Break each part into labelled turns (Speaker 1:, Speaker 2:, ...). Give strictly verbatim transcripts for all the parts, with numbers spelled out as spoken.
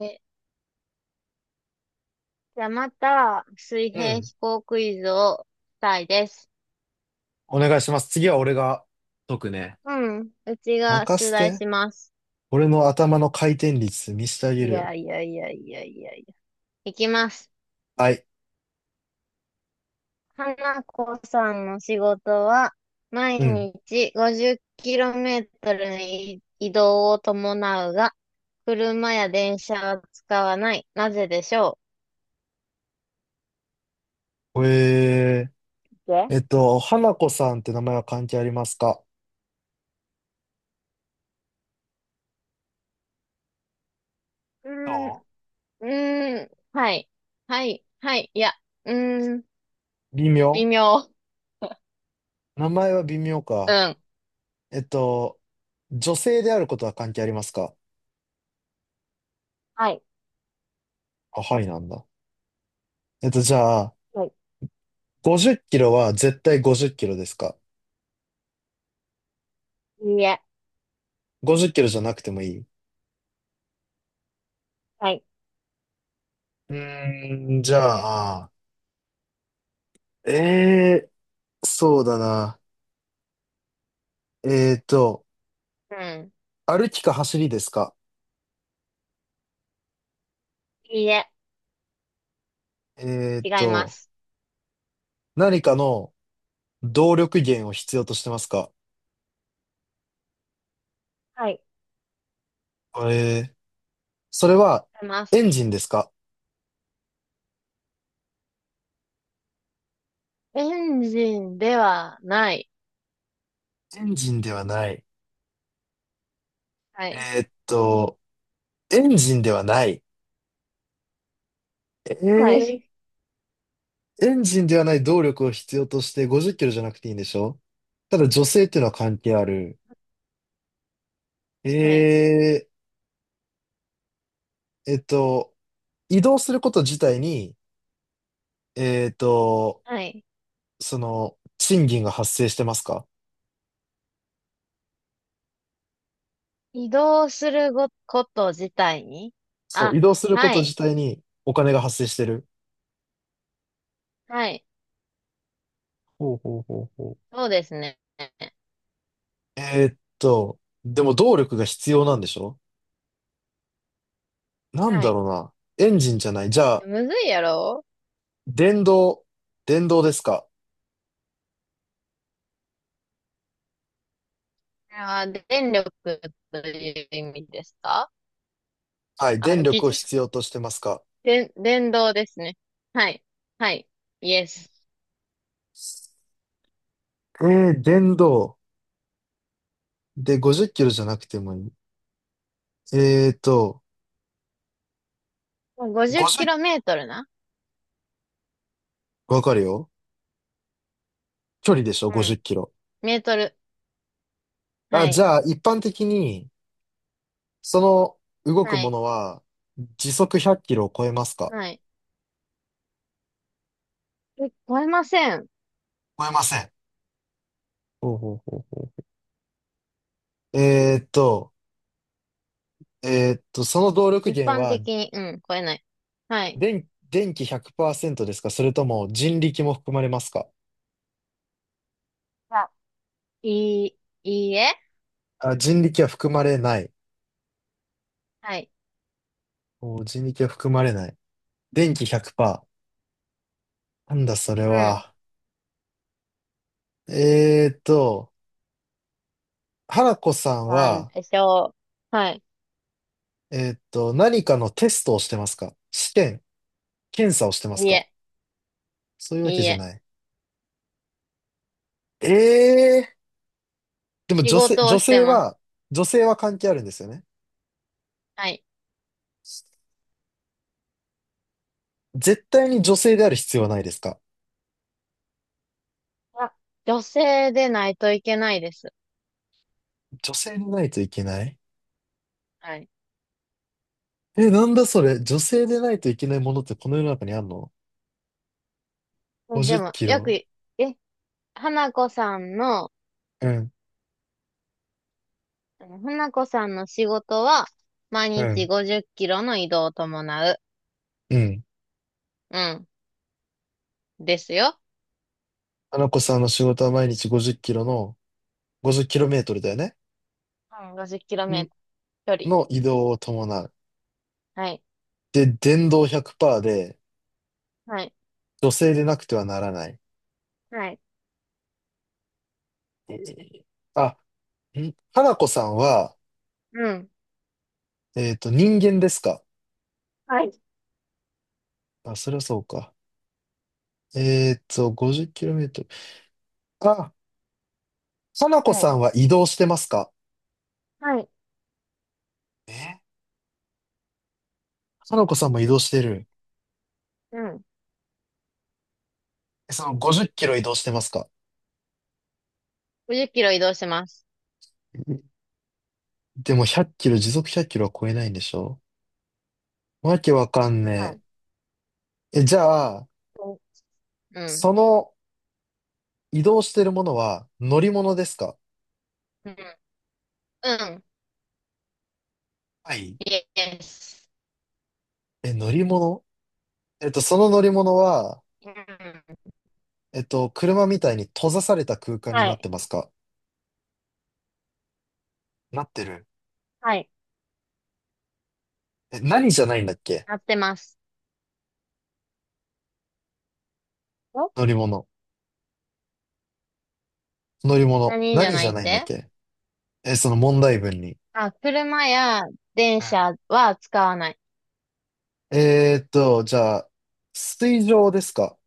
Speaker 1: え、じゃあまた、水
Speaker 2: う
Speaker 1: 平思
Speaker 2: ん。
Speaker 1: 考クイズをしたいです。
Speaker 2: お願いします。次は俺が解くね。
Speaker 1: うん。うちが
Speaker 2: 任
Speaker 1: 出
Speaker 2: せ
Speaker 1: 題
Speaker 2: て。
Speaker 1: します。
Speaker 2: 俺の頭の回転率見せてあげ
Speaker 1: い
Speaker 2: るよ。
Speaker 1: やいやいやいやいやいや。いきます。
Speaker 2: はい。
Speaker 1: 花子さんの仕事は、毎
Speaker 2: うん。
Speaker 1: 日 ごじっキロメートル の移移動を伴うが、車や電車は使わない。なぜでしょ
Speaker 2: え
Speaker 1: う？で
Speaker 2: ー、えっと、花子さんって名前は関係ありますか？
Speaker 1: う
Speaker 2: ど
Speaker 1: ーん、うーん、はい。はい、はい、いや、うーん、
Speaker 2: う。微
Speaker 1: 微
Speaker 2: 妙。
Speaker 1: 妙。
Speaker 2: 名前は微妙
Speaker 1: う
Speaker 2: か。
Speaker 1: ん。
Speaker 2: えっと、女性であることは関係ありますか？
Speaker 1: はい。
Speaker 2: あ、はいなんだ。えっと、じゃあ、
Speaker 1: はい、
Speaker 2: ごじゅっきろは絶対ごじゅっきろですか？
Speaker 1: いや、
Speaker 2: ごじゅう キロじゃなくてもいい。う
Speaker 1: はい。
Speaker 2: ーん、じゃあ、えーそうだな。えーと、
Speaker 1: うん。
Speaker 2: 歩きか走りですか？
Speaker 1: いいえ、
Speaker 2: えーっ
Speaker 1: 違いま
Speaker 2: と、
Speaker 1: す。
Speaker 2: 何かの動力源を必要としてますか？
Speaker 1: はい。
Speaker 2: えー、それは
Speaker 1: 違いま
Speaker 2: エ
Speaker 1: す。
Speaker 2: ンジンですか？
Speaker 1: エンジンではない。
Speaker 2: エンジンではない。
Speaker 1: はい。
Speaker 2: えーっと、エンジンではない。え
Speaker 1: は
Speaker 2: ー、
Speaker 1: い。
Speaker 2: エンジンではない動力を必要としてごじゅっきろじゃなくていいんでしょ？ただ女性っていうのは関係ある。
Speaker 1: はい。
Speaker 2: えー、えっと、移動すること自体に、えーっと、
Speaker 1: はい。
Speaker 2: その、賃金が発生してますか？
Speaker 1: 移動するご、こと自体に、
Speaker 2: そう、移
Speaker 1: あ、
Speaker 2: 動するこ
Speaker 1: は
Speaker 2: と自
Speaker 1: い。
Speaker 2: 体にお金が発生してる。
Speaker 1: はい。
Speaker 2: ほうほうほうほう。
Speaker 1: そうですね。
Speaker 2: えーっと、でも動力が必要なんでしょ？なん
Speaker 1: は
Speaker 2: だろ
Speaker 1: い。
Speaker 2: うな。エンジンじゃない。じゃ
Speaker 1: い
Speaker 2: あ、
Speaker 1: やむずいやろ。
Speaker 2: 電動、電動ですか？
Speaker 1: これは電力という意味ですか？
Speaker 2: はい、
Speaker 1: あ、
Speaker 2: 電
Speaker 1: 聞い
Speaker 2: 力
Speaker 1: ち
Speaker 2: を
Speaker 1: ゃった。
Speaker 2: 必要としてますか？
Speaker 1: 電、電動ですね。はい。はい。イエス。
Speaker 2: えー、電動。で、ごじゅっきろじゃなくてもいい。えーっと、
Speaker 1: 50キ
Speaker 2: ごじゅう、
Speaker 1: ロメートルな。
Speaker 2: わかるよ。距離でしょ？
Speaker 1: う
Speaker 2: ごじゅう
Speaker 1: ん。
Speaker 2: キロ。
Speaker 1: メートル。
Speaker 2: あ、
Speaker 1: は
Speaker 2: じ
Speaker 1: い。
Speaker 2: ゃあ、一般的に、その動く
Speaker 1: は
Speaker 2: も
Speaker 1: い。
Speaker 2: のは、時速ひゃっきろを超えますか？
Speaker 1: はい。え、超えません。
Speaker 2: 超えません。ほほほうううえーっと、えーっと、その動力
Speaker 1: 一
Speaker 2: 源
Speaker 1: 般
Speaker 2: は、
Speaker 1: 的に、うん、超えない。はい。じ
Speaker 2: 電、電気ひゃくパーセントですか、それとも人力も含まれますか？
Speaker 1: ゃあ、いい、いいえ。
Speaker 2: あ、人力は含まれない。
Speaker 1: はい。
Speaker 2: おー、人力は含まれない。電気ひゃくパーセント。なんだそれ
Speaker 1: うん。
Speaker 2: は。えーっと、原子さん
Speaker 1: なん
Speaker 2: は、
Speaker 1: でしょう。はい。
Speaker 2: えーっと、何かのテストをしてますか？試験、検査をしてま
Speaker 1: い
Speaker 2: す
Speaker 1: い
Speaker 2: か？
Speaker 1: え、
Speaker 2: そういうわけ
Speaker 1: いい
Speaker 2: じゃ
Speaker 1: え。
Speaker 2: ない。ええー、でも
Speaker 1: 仕
Speaker 2: 女性、
Speaker 1: 事
Speaker 2: 女
Speaker 1: をして
Speaker 2: 性
Speaker 1: ます。
Speaker 2: は、女性は関係あるんですよね。
Speaker 1: はい。
Speaker 2: 絶対に女性である必要はないですか？
Speaker 1: あ、女性でないといけないです。
Speaker 2: 女性でないといけない。
Speaker 1: はい。
Speaker 2: え、なんだそれ。女性でないといけないものってこの世の中にあんの？
Speaker 1: え、で
Speaker 2: ごじゅう
Speaker 1: も、
Speaker 2: キ
Speaker 1: よく、
Speaker 2: ロ。
Speaker 1: え、花子さんの、
Speaker 2: うん、
Speaker 1: あの花子さんの仕事は、毎
Speaker 2: う
Speaker 1: 日
Speaker 2: ん、
Speaker 1: ごじゅっキロの移動を伴う。
Speaker 2: うん。
Speaker 1: うん。ですよ。
Speaker 2: 花子さんの仕事は毎日ごじゅっきろの、ごじゅっきろメートルだよね。
Speaker 1: うん、ごじゅっキロメ
Speaker 2: ん
Speaker 1: ートル距
Speaker 2: の移動を伴う。
Speaker 1: 離。はい。
Speaker 2: で、電動ひゃくパーセントで
Speaker 1: はい。
Speaker 2: 女性でなくてはならない。
Speaker 1: はい。はい。
Speaker 2: えーあ、ん花子さんは、
Speaker 1: うん。
Speaker 2: えっと、人間ですか？
Speaker 1: はい。
Speaker 2: あ、それはそうか。えっと、ごじゅっきろメートル。あ、花
Speaker 1: う
Speaker 2: 子さ
Speaker 1: ん、
Speaker 2: んは移動してますか？
Speaker 1: はい。
Speaker 2: え、花子さんも移動してる。
Speaker 1: う、ん。
Speaker 2: え、そのごじゅっきろ移動してますか？
Speaker 1: ごじゅっキロ移動します。
Speaker 2: でもひゃっきろ、時速ひゃっきろは超えないんでしょ？わけわかん
Speaker 1: はい。
Speaker 2: ね。え、え、じゃあ、
Speaker 1: う
Speaker 2: そ
Speaker 1: ん
Speaker 2: の移動してるものは乗り物ですか？
Speaker 1: うん。うん。うん。
Speaker 2: はい。
Speaker 1: イエス。
Speaker 2: え、乗り物。えっと、その乗り物は、
Speaker 1: うん。
Speaker 2: えっと、車みたいに閉ざされた空間に
Speaker 1: は
Speaker 2: なって
Speaker 1: い。
Speaker 2: ますか？なってる。
Speaker 1: はい。
Speaker 2: え、何じゃないんだっけ。
Speaker 1: 合ってます。お
Speaker 2: 乗り物。乗り物。
Speaker 1: 何じゃ
Speaker 2: 何じ
Speaker 1: な
Speaker 2: ゃ
Speaker 1: いっ
Speaker 2: ないんだっ
Speaker 1: て？
Speaker 2: け。え、その問題文に。
Speaker 1: あ、車や電
Speaker 2: うん。
Speaker 1: 車は使わない。
Speaker 2: えーっと、じゃあ、水上ですか？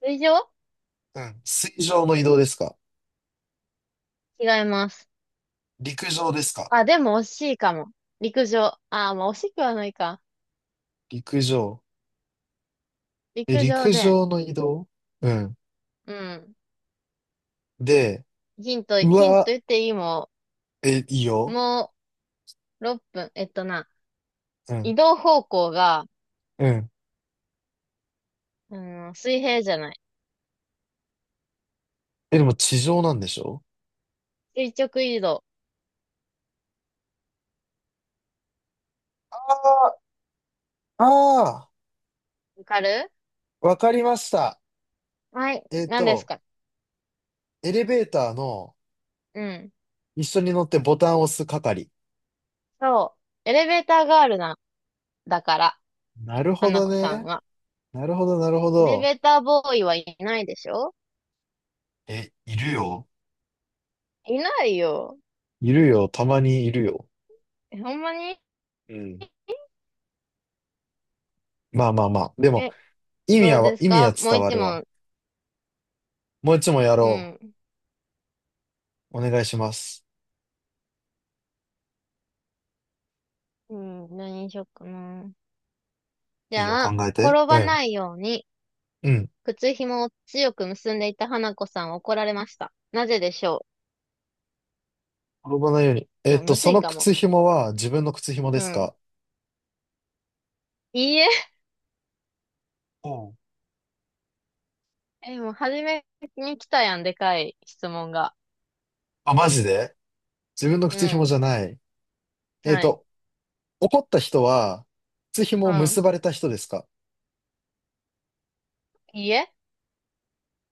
Speaker 1: 水上？
Speaker 2: うん。水上の移動ですか？
Speaker 1: 違います。
Speaker 2: 陸上ですか？
Speaker 1: あ、でも惜しいかも。陸上。あ、まあ惜しくはないか。
Speaker 2: 陸上。え、
Speaker 1: 陸上
Speaker 2: 陸
Speaker 1: で、
Speaker 2: 上の移動。うん。
Speaker 1: うん。
Speaker 2: で、
Speaker 1: ヒント、
Speaker 2: う
Speaker 1: ヒント
Speaker 2: わ、
Speaker 1: 言っていいも
Speaker 2: え、いい
Speaker 1: ん。
Speaker 2: よ。
Speaker 1: もうろっぷん。えっとな、
Speaker 2: うん。
Speaker 1: 移動方向が、
Speaker 2: うん。
Speaker 1: うん、水平じゃない。
Speaker 2: え、でも地上なんでしょ？
Speaker 1: 垂直移動。
Speaker 2: ああ、ああ
Speaker 1: わかる？
Speaker 2: ー、わかりました。
Speaker 1: はい。
Speaker 2: えっ
Speaker 1: 何です
Speaker 2: と、
Speaker 1: か？
Speaker 2: エレベーターの
Speaker 1: うん。
Speaker 2: 一緒に乗ってボタンを押す係。
Speaker 1: そう。エレベーターガールな、だから、
Speaker 2: なるほ
Speaker 1: 花
Speaker 2: ど
Speaker 1: 子さん
Speaker 2: ね。
Speaker 1: は。
Speaker 2: なるほど、なるほ
Speaker 1: エレ
Speaker 2: ど。
Speaker 1: ベーターボーイはいないでしょ？
Speaker 2: え、いるよ。
Speaker 1: いないよ。
Speaker 2: いるよ。たまにいるよ。
Speaker 1: え、ほんまに？
Speaker 2: うん。まあまあまあ。でも、
Speaker 1: え、
Speaker 2: 意味
Speaker 1: どう
Speaker 2: は、
Speaker 1: です
Speaker 2: 意味は
Speaker 1: か、もう
Speaker 2: 伝わ
Speaker 1: 一
Speaker 2: るわ。
Speaker 1: 問？
Speaker 2: もう一問や
Speaker 1: う
Speaker 2: ろ
Speaker 1: ん。
Speaker 2: う。お願いします。
Speaker 1: うん、何にしよっかな。じ
Speaker 2: いいよ、
Speaker 1: ゃ
Speaker 2: 考
Speaker 1: あ、
Speaker 2: えて。
Speaker 1: 転
Speaker 2: う
Speaker 1: ば
Speaker 2: ん。
Speaker 1: ないように、
Speaker 2: うん。
Speaker 1: 靴紐を強く結んでいた花子さんは怒られました。なぜでしょ
Speaker 2: 転ばないように。
Speaker 1: う？い
Speaker 2: えっ
Speaker 1: や、
Speaker 2: と、
Speaker 1: むず
Speaker 2: そ
Speaker 1: い
Speaker 2: の
Speaker 1: かも。
Speaker 2: 靴紐は自分の靴紐で
Speaker 1: う
Speaker 2: す
Speaker 1: ん。
Speaker 2: か？
Speaker 1: いいえ。
Speaker 2: おう。
Speaker 1: え、もう初めに来たやん、でかい質問が。
Speaker 2: あ、マジで。自分の
Speaker 1: う
Speaker 2: 靴紐
Speaker 1: ん。
Speaker 2: じゃない。えっ
Speaker 1: はい。
Speaker 2: と、怒った人は、靴紐
Speaker 1: う
Speaker 2: を
Speaker 1: ん。
Speaker 2: 結ばれた人ですか？
Speaker 1: いいえ。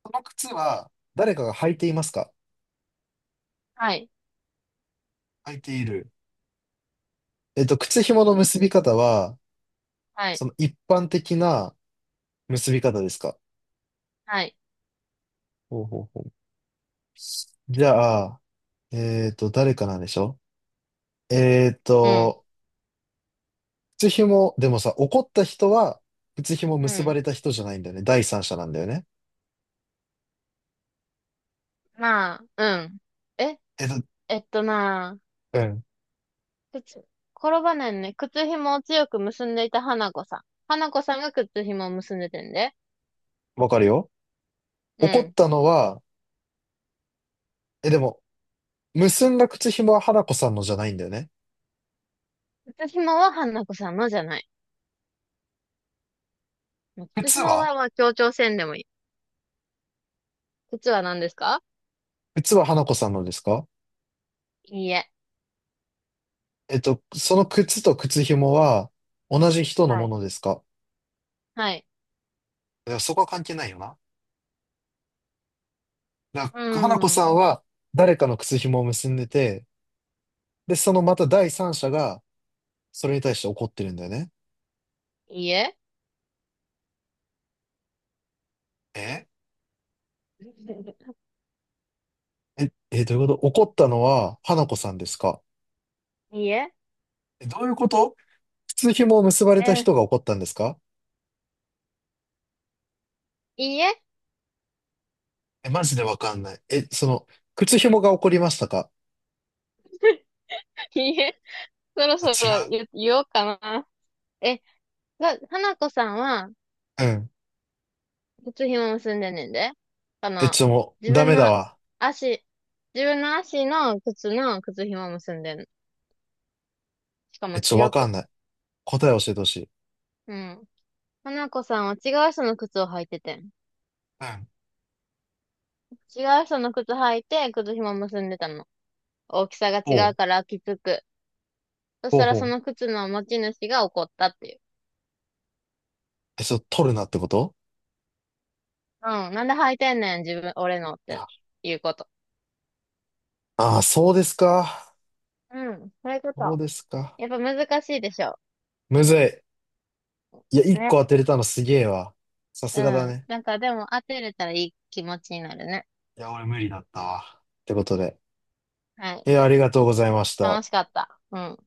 Speaker 2: その靴は、誰かが履いていますか？
Speaker 1: はい。
Speaker 2: 履いている。えっと、靴紐の結び方は、
Speaker 1: はい。
Speaker 2: その一般的な結び方ですか？
Speaker 1: はい。
Speaker 2: ほうほうほう。じゃあ、えっと、誰かなんでしょ？えっ
Speaker 1: うん。
Speaker 2: と、靴紐、でもさ、怒った人は、靴紐
Speaker 1: う
Speaker 2: 結ば
Speaker 1: ん。
Speaker 2: れた人じゃないんだよね。第三者なんだよね。
Speaker 1: まあ、うん。え、
Speaker 2: え、だ、
Speaker 1: えっとな、
Speaker 2: うん。
Speaker 1: 靴、転ばないね。靴紐を強く結んでいた花子さん。花子さんが靴紐を結んでてんで。
Speaker 2: わかるよ。
Speaker 1: う
Speaker 2: 怒っ
Speaker 1: ん。
Speaker 2: たのは、え、でも、結んだ靴紐は花子さんのじゃないんだよね。
Speaker 1: 靴紐は花子さんのじゃない。靴
Speaker 2: 靴
Speaker 1: 紐
Speaker 2: は
Speaker 1: は、まあ、協調せんでもいい。靴は何ですか？
Speaker 2: 靴は花子さんのですか？
Speaker 1: いいえ。
Speaker 2: えっと、その靴と靴紐は、同じ人の
Speaker 1: は
Speaker 2: も
Speaker 1: い。
Speaker 2: のですか？
Speaker 1: はい。
Speaker 2: いや、そこは関係ないよな。だか
Speaker 1: う
Speaker 2: ら、花子
Speaker 1: ー
Speaker 2: さん
Speaker 1: ん。
Speaker 2: は、誰かの靴紐を結んでて、で、そのまた第三者が、それに対して怒ってるんだよね。
Speaker 1: いいえ。
Speaker 2: ええ、え、どういうこと。怒ったのは、花子さんですか？
Speaker 1: いいえ
Speaker 2: え、どういうこと。靴紐を結ば
Speaker 1: え
Speaker 2: れた
Speaker 1: ー、
Speaker 2: 人が怒ったんですか？
Speaker 1: いいえ。
Speaker 2: え、マジでわかんない。え、その、靴紐が怒りましたか？
Speaker 1: いいえ。そろ
Speaker 2: あ、
Speaker 1: そ
Speaker 2: 違
Speaker 1: ろ
Speaker 2: う。
Speaker 1: 言、言おうかな。え、が、花子さんは、
Speaker 2: うん。
Speaker 1: 靴紐結んでんねんで。あ
Speaker 2: え、
Speaker 1: の、
Speaker 2: ちょ、もう、
Speaker 1: 自
Speaker 2: ダ
Speaker 1: 分
Speaker 2: メだ
Speaker 1: の
Speaker 2: わ。
Speaker 1: 足、自分の足の靴の靴紐結んでんの。しか
Speaker 2: え、
Speaker 1: も
Speaker 2: ちょ、わ
Speaker 1: 強
Speaker 2: か
Speaker 1: く。
Speaker 2: んない。答え教えてほしい。
Speaker 1: うん。花子さんは違う人の靴を履いててん。
Speaker 2: うん。
Speaker 1: 違う人の靴履いて、靴紐結んでたの。大きさが
Speaker 2: お
Speaker 1: 違う
Speaker 2: う、
Speaker 1: からきつく。そし
Speaker 2: ほう
Speaker 1: たら
Speaker 2: ほ
Speaker 1: その
Speaker 2: う。
Speaker 1: 靴の持ち主が怒ったっていう。
Speaker 2: え、ちょ、取るなってこと？
Speaker 1: うん。なんで履いてんねん、自分、俺のっていうこと。
Speaker 2: ああー、そうですか。
Speaker 1: うん。そういうこ
Speaker 2: そう
Speaker 1: と。
Speaker 2: ですか。
Speaker 1: やっぱ難しいでしょ？
Speaker 2: むずい。いや、一
Speaker 1: ね。
Speaker 2: 個当てれたのすげえわ。さす
Speaker 1: う
Speaker 2: がだ
Speaker 1: ん。
Speaker 2: ね。
Speaker 1: なんかでも当てれたらいい気持ちになるね。
Speaker 2: いや、俺無理だったわ。ってことで。
Speaker 1: はい。
Speaker 2: え、ありがとうございまし
Speaker 1: 楽
Speaker 2: た。
Speaker 1: しかった。うん。